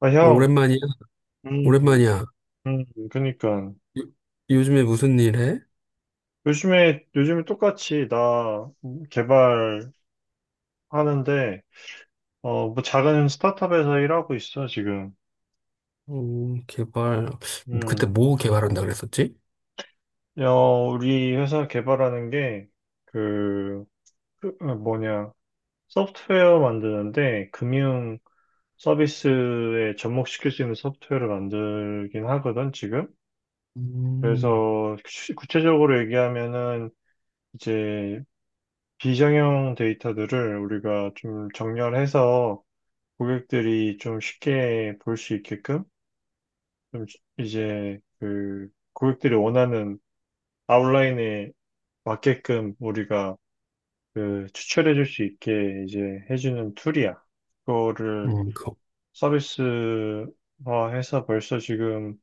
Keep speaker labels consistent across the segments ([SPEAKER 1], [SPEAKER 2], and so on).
[SPEAKER 1] 아,
[SPEAKER 2] 어,
[SPEAKER 1] 형.
[SPEAKER 2] 오랜만이야?
[SPEAKER 1] 음.
[SPEAKER 2] 오랜만이야.
[SPEAKER 1] 음. 그니까.
[SPEAKER 2] 요, 요즘에 무슨 일 해?
[SPEAKER 1] 요즘에 똑같이 나 개발하는데, 뭐 작은 스타트업에서 일하고 있어, 지금.
[SPEAKER 2] 개발. 그때
[SPEAKER 1] 음.
[SPEAKER 2] 뭐 개발한다 그랬었지?
[SPEAKER 1] 우리 회사 개발하는 게, 그, 그, 어, 뭐냐, 소프트웨어 만드는데, 금융 서비스에 접목시킬 수 있는 소프트웨어를 만들긴 하거든, 지금.
[SPEAKER 2] 음,
[SPEAKER 1] 그래서, 구체적으로 얘기하면은, 이제 비정형 데이터들을 우리가 좀 정렬해서 고객들이 좀 쉽게 볼 수 있게끔 좀 이제 그 고객들이 원하는 아웃라인에 맞게끔 우리가 그 추출해 줄 수 있게 이제 해주는 툴이야. 그거를
[SPEAKER 2] 그,
[SPEAKER 1] 서비스화해서 벌써 지금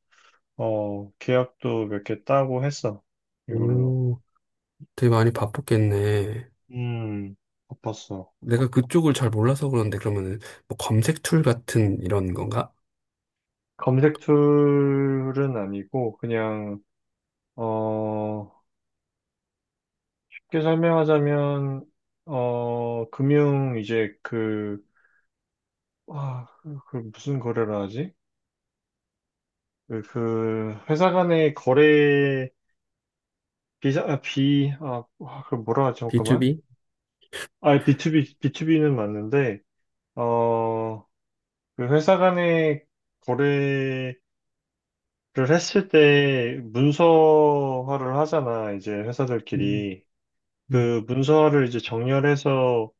[SPEAKER 1] 계약도 몇 개 따고 했어. 이걸로.
[SPEAKER 2] 오, 되게 많이 바쁘겠네.
[SPEAKER 1] 음, 바빴어.
[SPEAKER 2] 내가 그쪽을 잘 몰라서 그런데 그러면은 뭐 검색 툴 같은 이런 건가?
[SPEAKER 1] 검색 툴은 아니고 그냥 어, 쉽게 설명하자면, 금융, 이제 그 무슨 거래를 하지? 회사 간의 거래, 비자, 아, 비, 아, 아, 그 뭐라 하지? 잠깐만.
[SPEAKER 2] B2B?
[SPEAKER 1] 아, B2B, 비투비는 맞는데, 어, 그 회사 간의 거래를 했을 때 문서화를 하잖아, 이제
[SPEAKER 2] 음,
[SPEAKER 1] 회사들끼리.
[SPEAKER 2] 음.
[SPEAKER 1] 그 문서화를 이제 정렬해서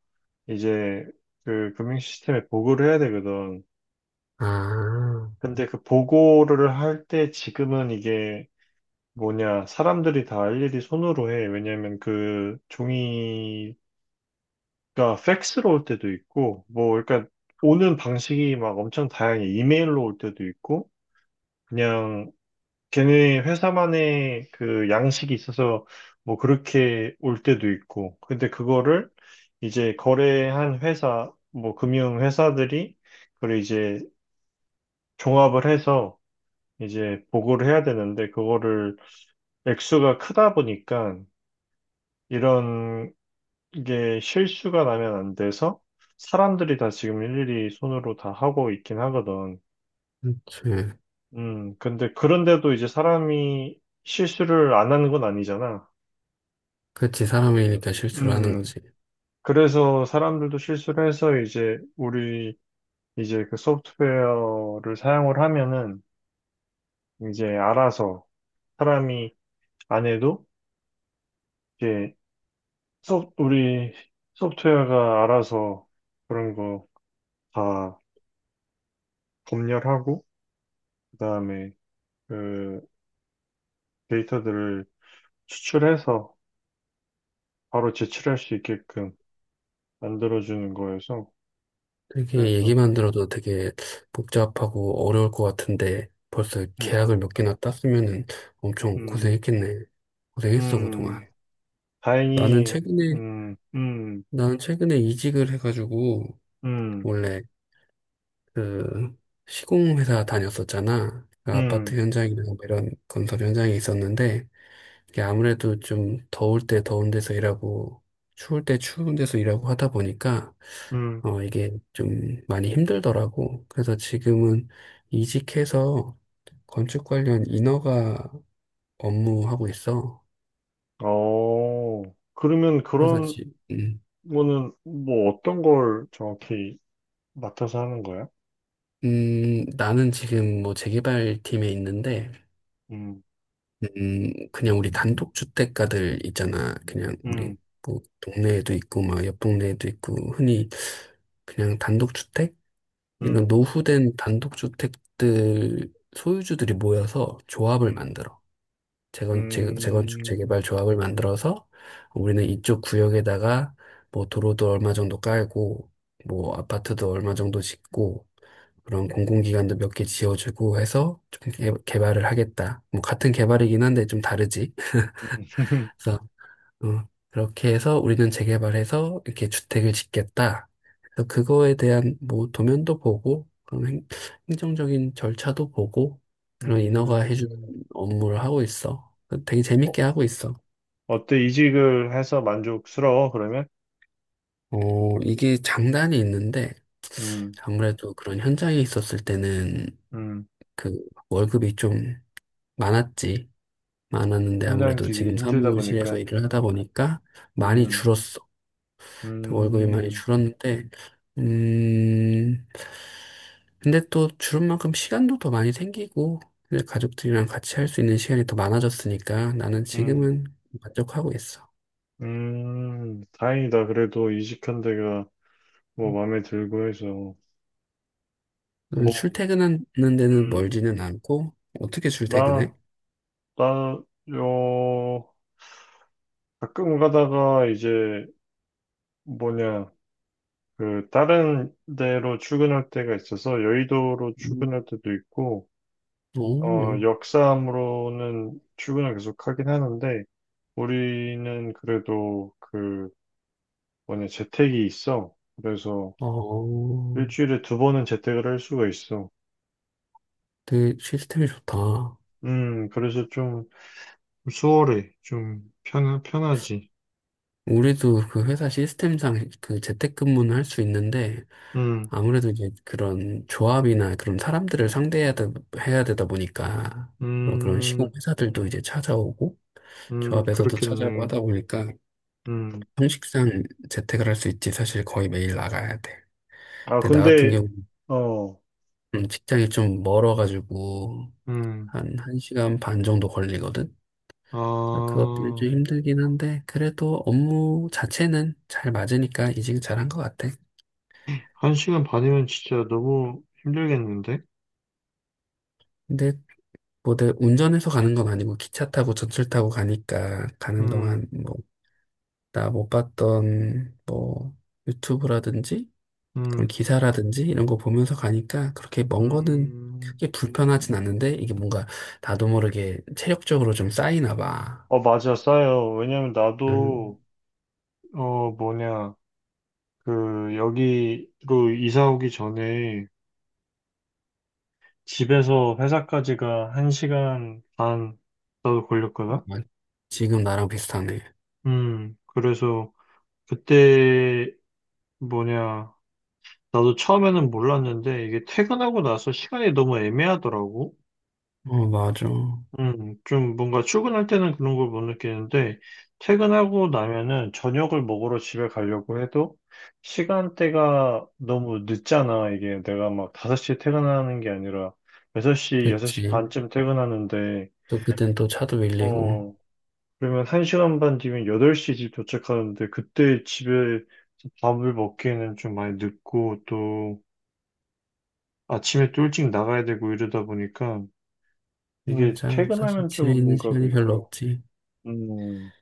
[SPEAKER 1] 이제 그 금융 시스템에 보고를 해야 되거든.
[SPEAKER 2] 아,
[SPEAKER 1] 근데 그 보고를 할 때 지금은 이게 사람들이 다 일일이 손으로 해. 왜냐면 그 종이가 팩스로 올 때도 있고, 뭐, 그러니까 오는 방식이 막 엄청 다양해. 이메일로 올 때도 있고, 그냥 걔네 회사만의 그 양식이 있어서 뭐 그렇게 올 때도 있고. 근데 그거를 이제 거래한 회사, 뭐 금융 회사들이 그걸 이제 종합을 해서 이제 보고를 해야 되는데 그거를 액수가 크다 보니까 이런 게 실수가 나면 안 돼서 사람들이 다 지금 일일이 손으로 다 하고 있긴 하거든.
[SPEAKER 2] 그렇지.
[SPEAKER 1] 근데 그런데도 이제 사람이 실수를 안 하는 건 아니잖아.
[SPEAKER 2] 그렇지. 사람이니까 실수를 하는
[SPEAKER 1] 음,
[SPEAKER 2] 거지.
[SPEAKER 1] 그래서 사람들도 실수를 해서 이제 우리 이제 그 소프트웨어를 사용을 하면은 이제 알아서 사람이 안 해도 이제 우리 소프트웨어가 알아서 그런 거 다 검열하고, 그 다음에 그 데이터들을 추출해서 바로 제출할 수 있게끔 만들어주는 거여서,
[SPEAKER 2] 되게
[SPEAKER 1] 그래서,
[SPEAKER 2] 얘기만 들어도 되게 복잡하고 어려울 것 같은데 벌써
[SPEAKER 1] 음,
[SPEAKER 2] 계약을 몇 개나 땄으면은 엄청
[SPEAKER 1] 음,
[SPEAKER 2] 고생했겠네. 고생했어, 그동안.
[SPEAKER 1] 음,
[SPEAKER 2] 나는
[SPEAKER 1] 다행히,
[SPEAKER 2] 최근에,
[SPEAKER 1] 음, 음,
[SPEAKER 2] 나는 최근에 이직을 해가지고
[SPEAKER 1] 음,
[SPEAKER 2] 원래 그 시공회사 다녔었잖아. 그
[SPEAKER 1] 음,
[SPEAKER 2] 아파트 현장이나 이런 건설 현장에 있었는데 이게 아무래도 좀 더울 때 더운 데서 일하고 추울 때 추운 데서 일하고 하다 보니까
[SPEAKER 1] 음,
[SPEAKER 2] 이게 좀 많이 힘들더라고. 그래서 지금은 이직해서 건축 관련 인허가 업무하고 있어.
[SPEAKER 1] 어, 그러면
[SPEAKER 2] 그래서
[SPEAKER 1] 그런 거는 뭐 어떤 걸 정확히 맡아서 하는 거야?
[SPEAKER 2] 나는 지금 뭐 재개발 팀에 있는데
[SPEAKER 1] 음.
[SPEAKER 2] 그냥 우리 단독 주택가들 있잖아. 그냥 우리
[SPEAKER 1] 음.
[SPEAKER 2] 뭐 동네에도 있고 막 옆 동네에도 있고 흔히 그냥 단독 주택 이런
[SPEAKER 1] 음.
[SPEAKER 2] 노후된 단독주택들 소유주들이 모여서 조합을
[SPEAKER 1] 음.
[SPEAKER 2] 만들어.
[SPEAKER 1] 음.
[SPEAKER 2] 재건축,
[SPEAKER 1] 음.
[SPEAKER 2] 재개발 조합을 만들어서 우리는 이쪽 구역에다가 뭐 도로도 얼마 정도 깔고 뭐 아파트도 얼마 정도 짓고 그런 공공기관도 몇 개 지어주고 해서 좀 개발을 하겠다. 뭐 같은 개발이긴 한데 좀 다르지. 그래서 그렇게 해서 우리는 재개발해서 이렇게 주택을 짓겠다. 그래서 그거에 대한 뭐 도면도 보고, 그런 행정적인 절차도 보고, 그런 인허가 해주는
[SPEAKER 1] 음.
[SPEAKER 2] 업무를 하고 있어. 되게
[SPEAKER 1] 어,
[SPEAKER 2] 재밌게 하고 있어.
[SPEAKER 1] 어때? 이직을 해서 만족스러워, 그러면?
[SPEAKER 2] 이게 장단이 있는데,
[SPEAKER 1] 음.
[SPEAKER 2] 아무래도 그런 현장에 있었을 때는
[SPEAKER 1] 음.
[SPEAKER 2] 그 월급이 좀 많았지. 많았는데 아무래도
[SPEAKER 1] 현장직이
[SPEAKER 2] 지금
[SPEAKER 1] 힘들다
[SPEAKER 2] 사무실에서
[SPEAKER 1] 보니까.
[SPEAKER 2] 일을 하다 보니까 많이
[SPEAKER 1] 음.
[SPEAKER 2] 줄었어. 월급이 많이
[SPEAKER 1] 음.
[SPEAKER 2] 줄었는데, 음, 근데 또 주름 만큼 시간도 더 많이 생기고, 근데 가족들이랑 같이 할 수 있는 시간이 더 많아졌으니까 나는
[SPEAKER 1] 음.
[SPEAKER 2] 지금은 만족하고 있어.
[SPEAKER 1] 음. 다행이다. 그래도 이직한 데가 뭐 마음에 들고 해서. 뭐,
[SPEAKER 2] 출퇴근하는 데는
[SPEAKER 1] 음,
[SPEAKER 2] 멀지는 않고, 어떻게
[SPEAKER 1] 나,
[SPEAKER 2] 출퇴근해?
[SPEAKER 1] 나, 요, 가끔 가다가 이제 뭐냐, 다른 데로 출근할 때가 있어서 여의도로
[SPEAKER 2] 음.
[SPEAKER 1] 출근할 때도 있고,
[SPEAKER 2] 오,
[SPEAKER 1] 역사함으로는 출근을 계속 하긴 하는데, 우리는 그래도 재택이 있어. 그래서
[SPEAKER 2] 어,
[SPEAKER 1] 일주일에 두 번은 재택을 할 수가 있어.
[SPEAKER 2] 되게 시스템이 좋다.
[SPEAKER 1] 그래서 좀 수월해. 좀 편하지.
[SPEAKER 2] 우리도 그 회사 시스템상 그 재택근무는 할 수 있는데,
[SPEAKER 1] 음.
[SPEAKER 2] 아무래도 이제 그런 조합이나 그런 사람들을 해야 되다 보니까, 그런 시공
[SPEAKER 1] 음.
[SPEAKER 2] 회사들도 이제 찾아오고,
[SPEAKER 1] 음.
[SPEAKER 2] 조합에서도 찾아고
[SPEAKER 1] 그렇겠네.
[SPEAKER 2] 하다 보니까
[SPEAKER 1] 음.
[SPEAKER 2] 형식상 재택을 할 수 있지 사실 거의 매일 나가야 돼.
[SPEAKER 1] 아,
[SPEAKER 2] 근데 나 같은
[SPEAKER 1] 근데,
[SPEAKER 2] 경우
[SPEAKER 1] 어,
[SPEAKER 2] 직장이 좀 멀어가지고
[SPEAKER 1] 음,
[SPEAKER 2] 한 1시간 반 정도 걸리거든. 그래서
[SPEAKER 1] 아,
[SPEAKER 2] 그것 들이 좀 힘들긴 한데 그래도 업무 자체는 잘 맞으니까 이직 잘한 것 같아.
[SPEAKER 1] 한 시간 반이면 진짜 너무 힘들겠는데?
[SPEAKER 2] 근데 뭐 내 운전해서 가는 건 아니고 기차 타고 전철 타고 가니까 가는 동안
[SPEAKER 1] 음.
[SPEAKER 2] 뭐 나 못 봤던 뭐 유튜브라든지 그런
[SPEAKER 1] 음.
[SPEAKER 2] 기사라든지 이런 거 보면서 가니까 그렇게 먼 거는
[SPEAKER 1] 음.
[SPEAKER 2] 이게 불편하진 않는데 이게 뭔가 나도 모르게 체력적으로 좀 쌓이나 봐.
[SPEAKER 1] 어, 맞아, 싸요. 왜냐면 나도,
[SPEAKER 2] 음,
[SPEAKER 1] 어, 뭐냐, 여기로 이사 오기 전에 집에서 회사까지가 1시간 반 나도 걸렸거든?
[SPEAKER 2] 아, 지금 나랑 비슷하네.
[SPEAKER 1] 그래서 그때 뭐냐, 나도 처음에는 몰랐는데 이게 퇴근하고 나서 시간이 너무 애매하더라고.
[SPEAKER 2] 어, 맞아.
[SPEAKER 1] 좀 뭔가 출근할 때는 그런 걸 못 느끼는데, 퇴근하고 나면은 저녁을 먹으러 집에 가려고 해도 시간대가 너무 늦잖아. 이게 내가 막 5시에 퇴근하는 게 아니라 6시, 6시
[SPEAKER 2] 그랬지.
[SPEAKER 1] 반쯤 퇴근하는데,
[SPEAKER 2] 또 그땐 또 차도 밀리고.
[SPEAKER 1] 어, 그러면 1시간 반 뒤면 8시 집 도착하는데, 그때 집에 밥을 먹기에는 좀 많이 늦고, 또 아침에 또 일찍 나가야 되고 이러다 보니까, 이게
[SPEAKER 2] 맞아. 사실
[SPEAKER 1] 퇴근하면
[SPEAKER 2] 집에
[SPEAKER 1] 좀
[SPEAKER 2] 있는
[SPEAKER 1] 뭔가
[SPEAKER 2] 시간이 별로
[SPEAKER 1] 그있더라고.
[SPEAKER 2] 없지.
[SPEAKER 1] 음.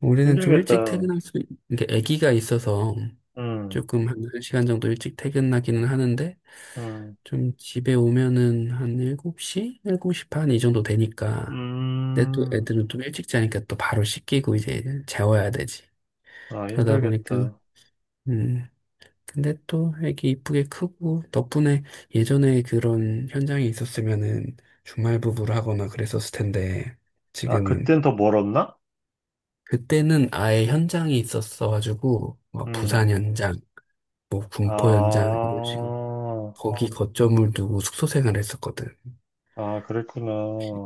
[SPEAKER 2] 우리는 좀 일찍
[SPEAKER 1] 힘들겠다.
[SPEAKER 2] 퇴근할 수, 이게 아기가 있어서
[SPEAKER 1] 음.
[SPEAKER 2] 조금 한 한 시간 정도 일찍 퇴근하기는 하는데
[SPEAKER 1] 음.
[SPEAKER 2] 좀 집에 오면은 한 7시? 7시 반 이 정도 되니까 근데 또
[SPEAKER 1] 음.
[SPEAKER 2] 애들은 좀 일찍 자니까 또 바로 씻기고 이제 재워야 되지.
[SPEAKER 1] 아,
[SPEAKER 2] 그러다 보니까
[SPEAKER 1] 힘들겠다.
[SPEAKER 2] 음 근데 또 애기 이쁘게 크고 덕분에 예전에 그런 현장에 있었으면은 주말 부부를 하거나 그랬었을 텐데
[SPEAKER 1] 아,
[SPEAKER 2] 지금은
[SPEAKER 1] 그땐 더 멀었나?
[SPEAKER 2] 그때는 아예 현장이 있었어가지고 뭐
[SPEAKER 1] 음.
[SPEAKER 2] 부산 현장, 뭐 군포 현장
[SPEAKER 1] 아,
[SPEAKER 2] 이런 식으로 거기 거점을 두고 숙소 생활을 했었거든.
[SPEAKER 1] 아, 그랬구나.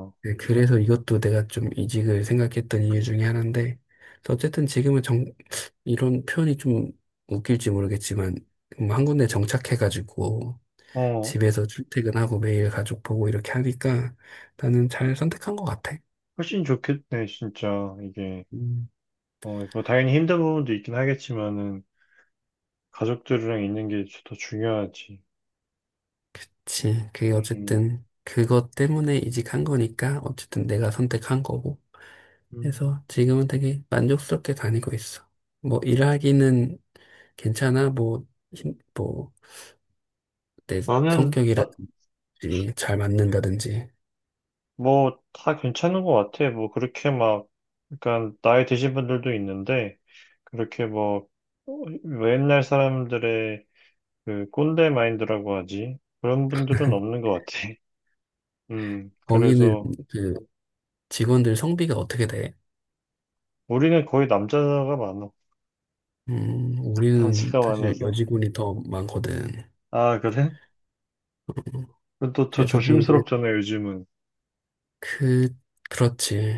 [SPEAKER 1] 어.
[SPEAKER 2] 네, 그래서 이것도 내가 좀 이직을 생각했던 이유 중에 하나인데, 어쨌든 지금은 이런 표현이 좀 웃길지 모르겠지만, 한 군데 정착해가지고, 집에서 출퇴근하고 매일 가족 보고 이렇게 하니까 나는 잘 선택한 것 같아.
[SPEAKER 1] 훨씬 좋겠네, 진짜. 이게.
[SPEAKER 2] 음,
[SPEAKER 1] 뭐, 당연히 힘든 부분도 있긴 하겠지만은, 가족들이랑 있는 게 더 중요하지.
[SPEAKER 2] 그치. 그게
[SPEAKER 1] 음.
[SPEAKER 2] 어쨌든 그것 때문에 이직한 거니까 어쨌든 내가 선택한 거고.
[SPEAKER 1] 음.
[SPEAKER 2] 그래서 지금은 되게 만족스럽게 다니고 있어. 뭐 일하기는 괜찮아? 뭐, 뭐, 내
[SPEAKER 1] 나는, 나,
[SPEAKER 2] 성격이라든지 잘 맞는다든지.
[SPEAKER 1] 뭐, 다 괜찮은 것 같아. 뭐, 그렇게 막, 그러니까, 나이 드신 분들도 있는데, 그렇게 뭐, 어, 옛날 사람들의 그 꼰대 마인드라고 하지. 그런 분들은 없는 것 같아.
[SPEAKER 2] 거기는
[SPEAKER 1] 그래서
[SPEAKER 2] 그 직원들 성비가 어떻게 돼?
[SPEAKER 1] 우리는 거의 남자가 많아.
[SPEAKER 2] 우리는
[SPEAKER 1] 남자가
[SPEAKER 2] 사실
[SPEAKER 1] 많아서.
[SPEAKER 2] 여직원이 더 많거든.
[SPEAKER 1] 아, 그래? 그럼 또, 더
[SPEAKER 2] 그래서 뭐 이게
[SPEAKER 1] 조심스럽잖아, 요즘은.
[SPEAKER 2] 그, 그렇지.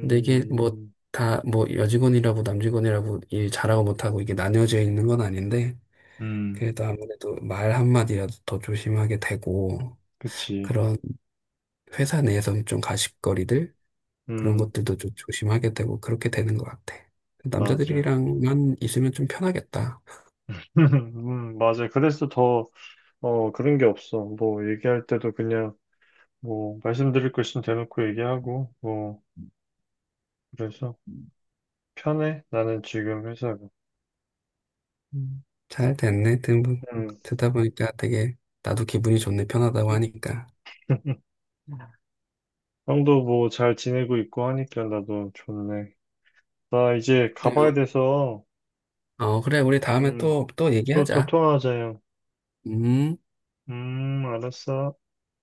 [SPEAKER 2] 근데 이게 뭐 다 뭐 여직원이라고 남직원이라고 일 잘하고 못하고 이게 나뉘어져 있는 건 아닌데
[SPEAKER 1] 음.
[SPEAKER 2] 그래도 아무래도 말 한마디라도 더 조심하게 되고
[SPEAKER 1] 그치.
[SPEAKER 2] 그런 회사 내에서는 좀 가십거리들 그런
[SPEAKER 1] 음,
[SPEAKER 2] 것들도 좀 조심하게 되고 그렇게 되는 것 같아.
[SPEAKER 1] 맞아.
[SPEAKER 2] 남자들이랑만 있으면 좀 편하겠다.
[SPEAKER 1] 맞아. 그래서 더, 그런 게 없어. 뭐, 얘기할 때도 그냥, 뭐, 말씀드릴 거 있으면 대놓고 얘기하고, 뭐, 그래서 편해. 나는 지금 회사가.
[SPEAKER 2] 음, 잘 됐네.
[SPEAKER 1] 음.
[SPEAKER 2] 듣다 보니까 되게 나도 기분이 좋네. 편하다고 하니까.
[SPEAKER 1] 형도 뭐 잘 지내고 있고 하니까 나도 좋네. 나 이제 가봐야
[SPEAKER 2] 그래요.
[SPEAKER 1] 돼서,
[SPEAKER 2] 어, 그래. 우리 다음에
[SPEAKER 1] 음,
[SPEAKER 2] 또, 또
[SPEAKER 1] 또, 또
[SPEAKER 2] 얘기하자.
[SPEAKER 1] 통화하자, 형.
[SPEAKER 2] 음.
[SPEAKER 1] 알았어.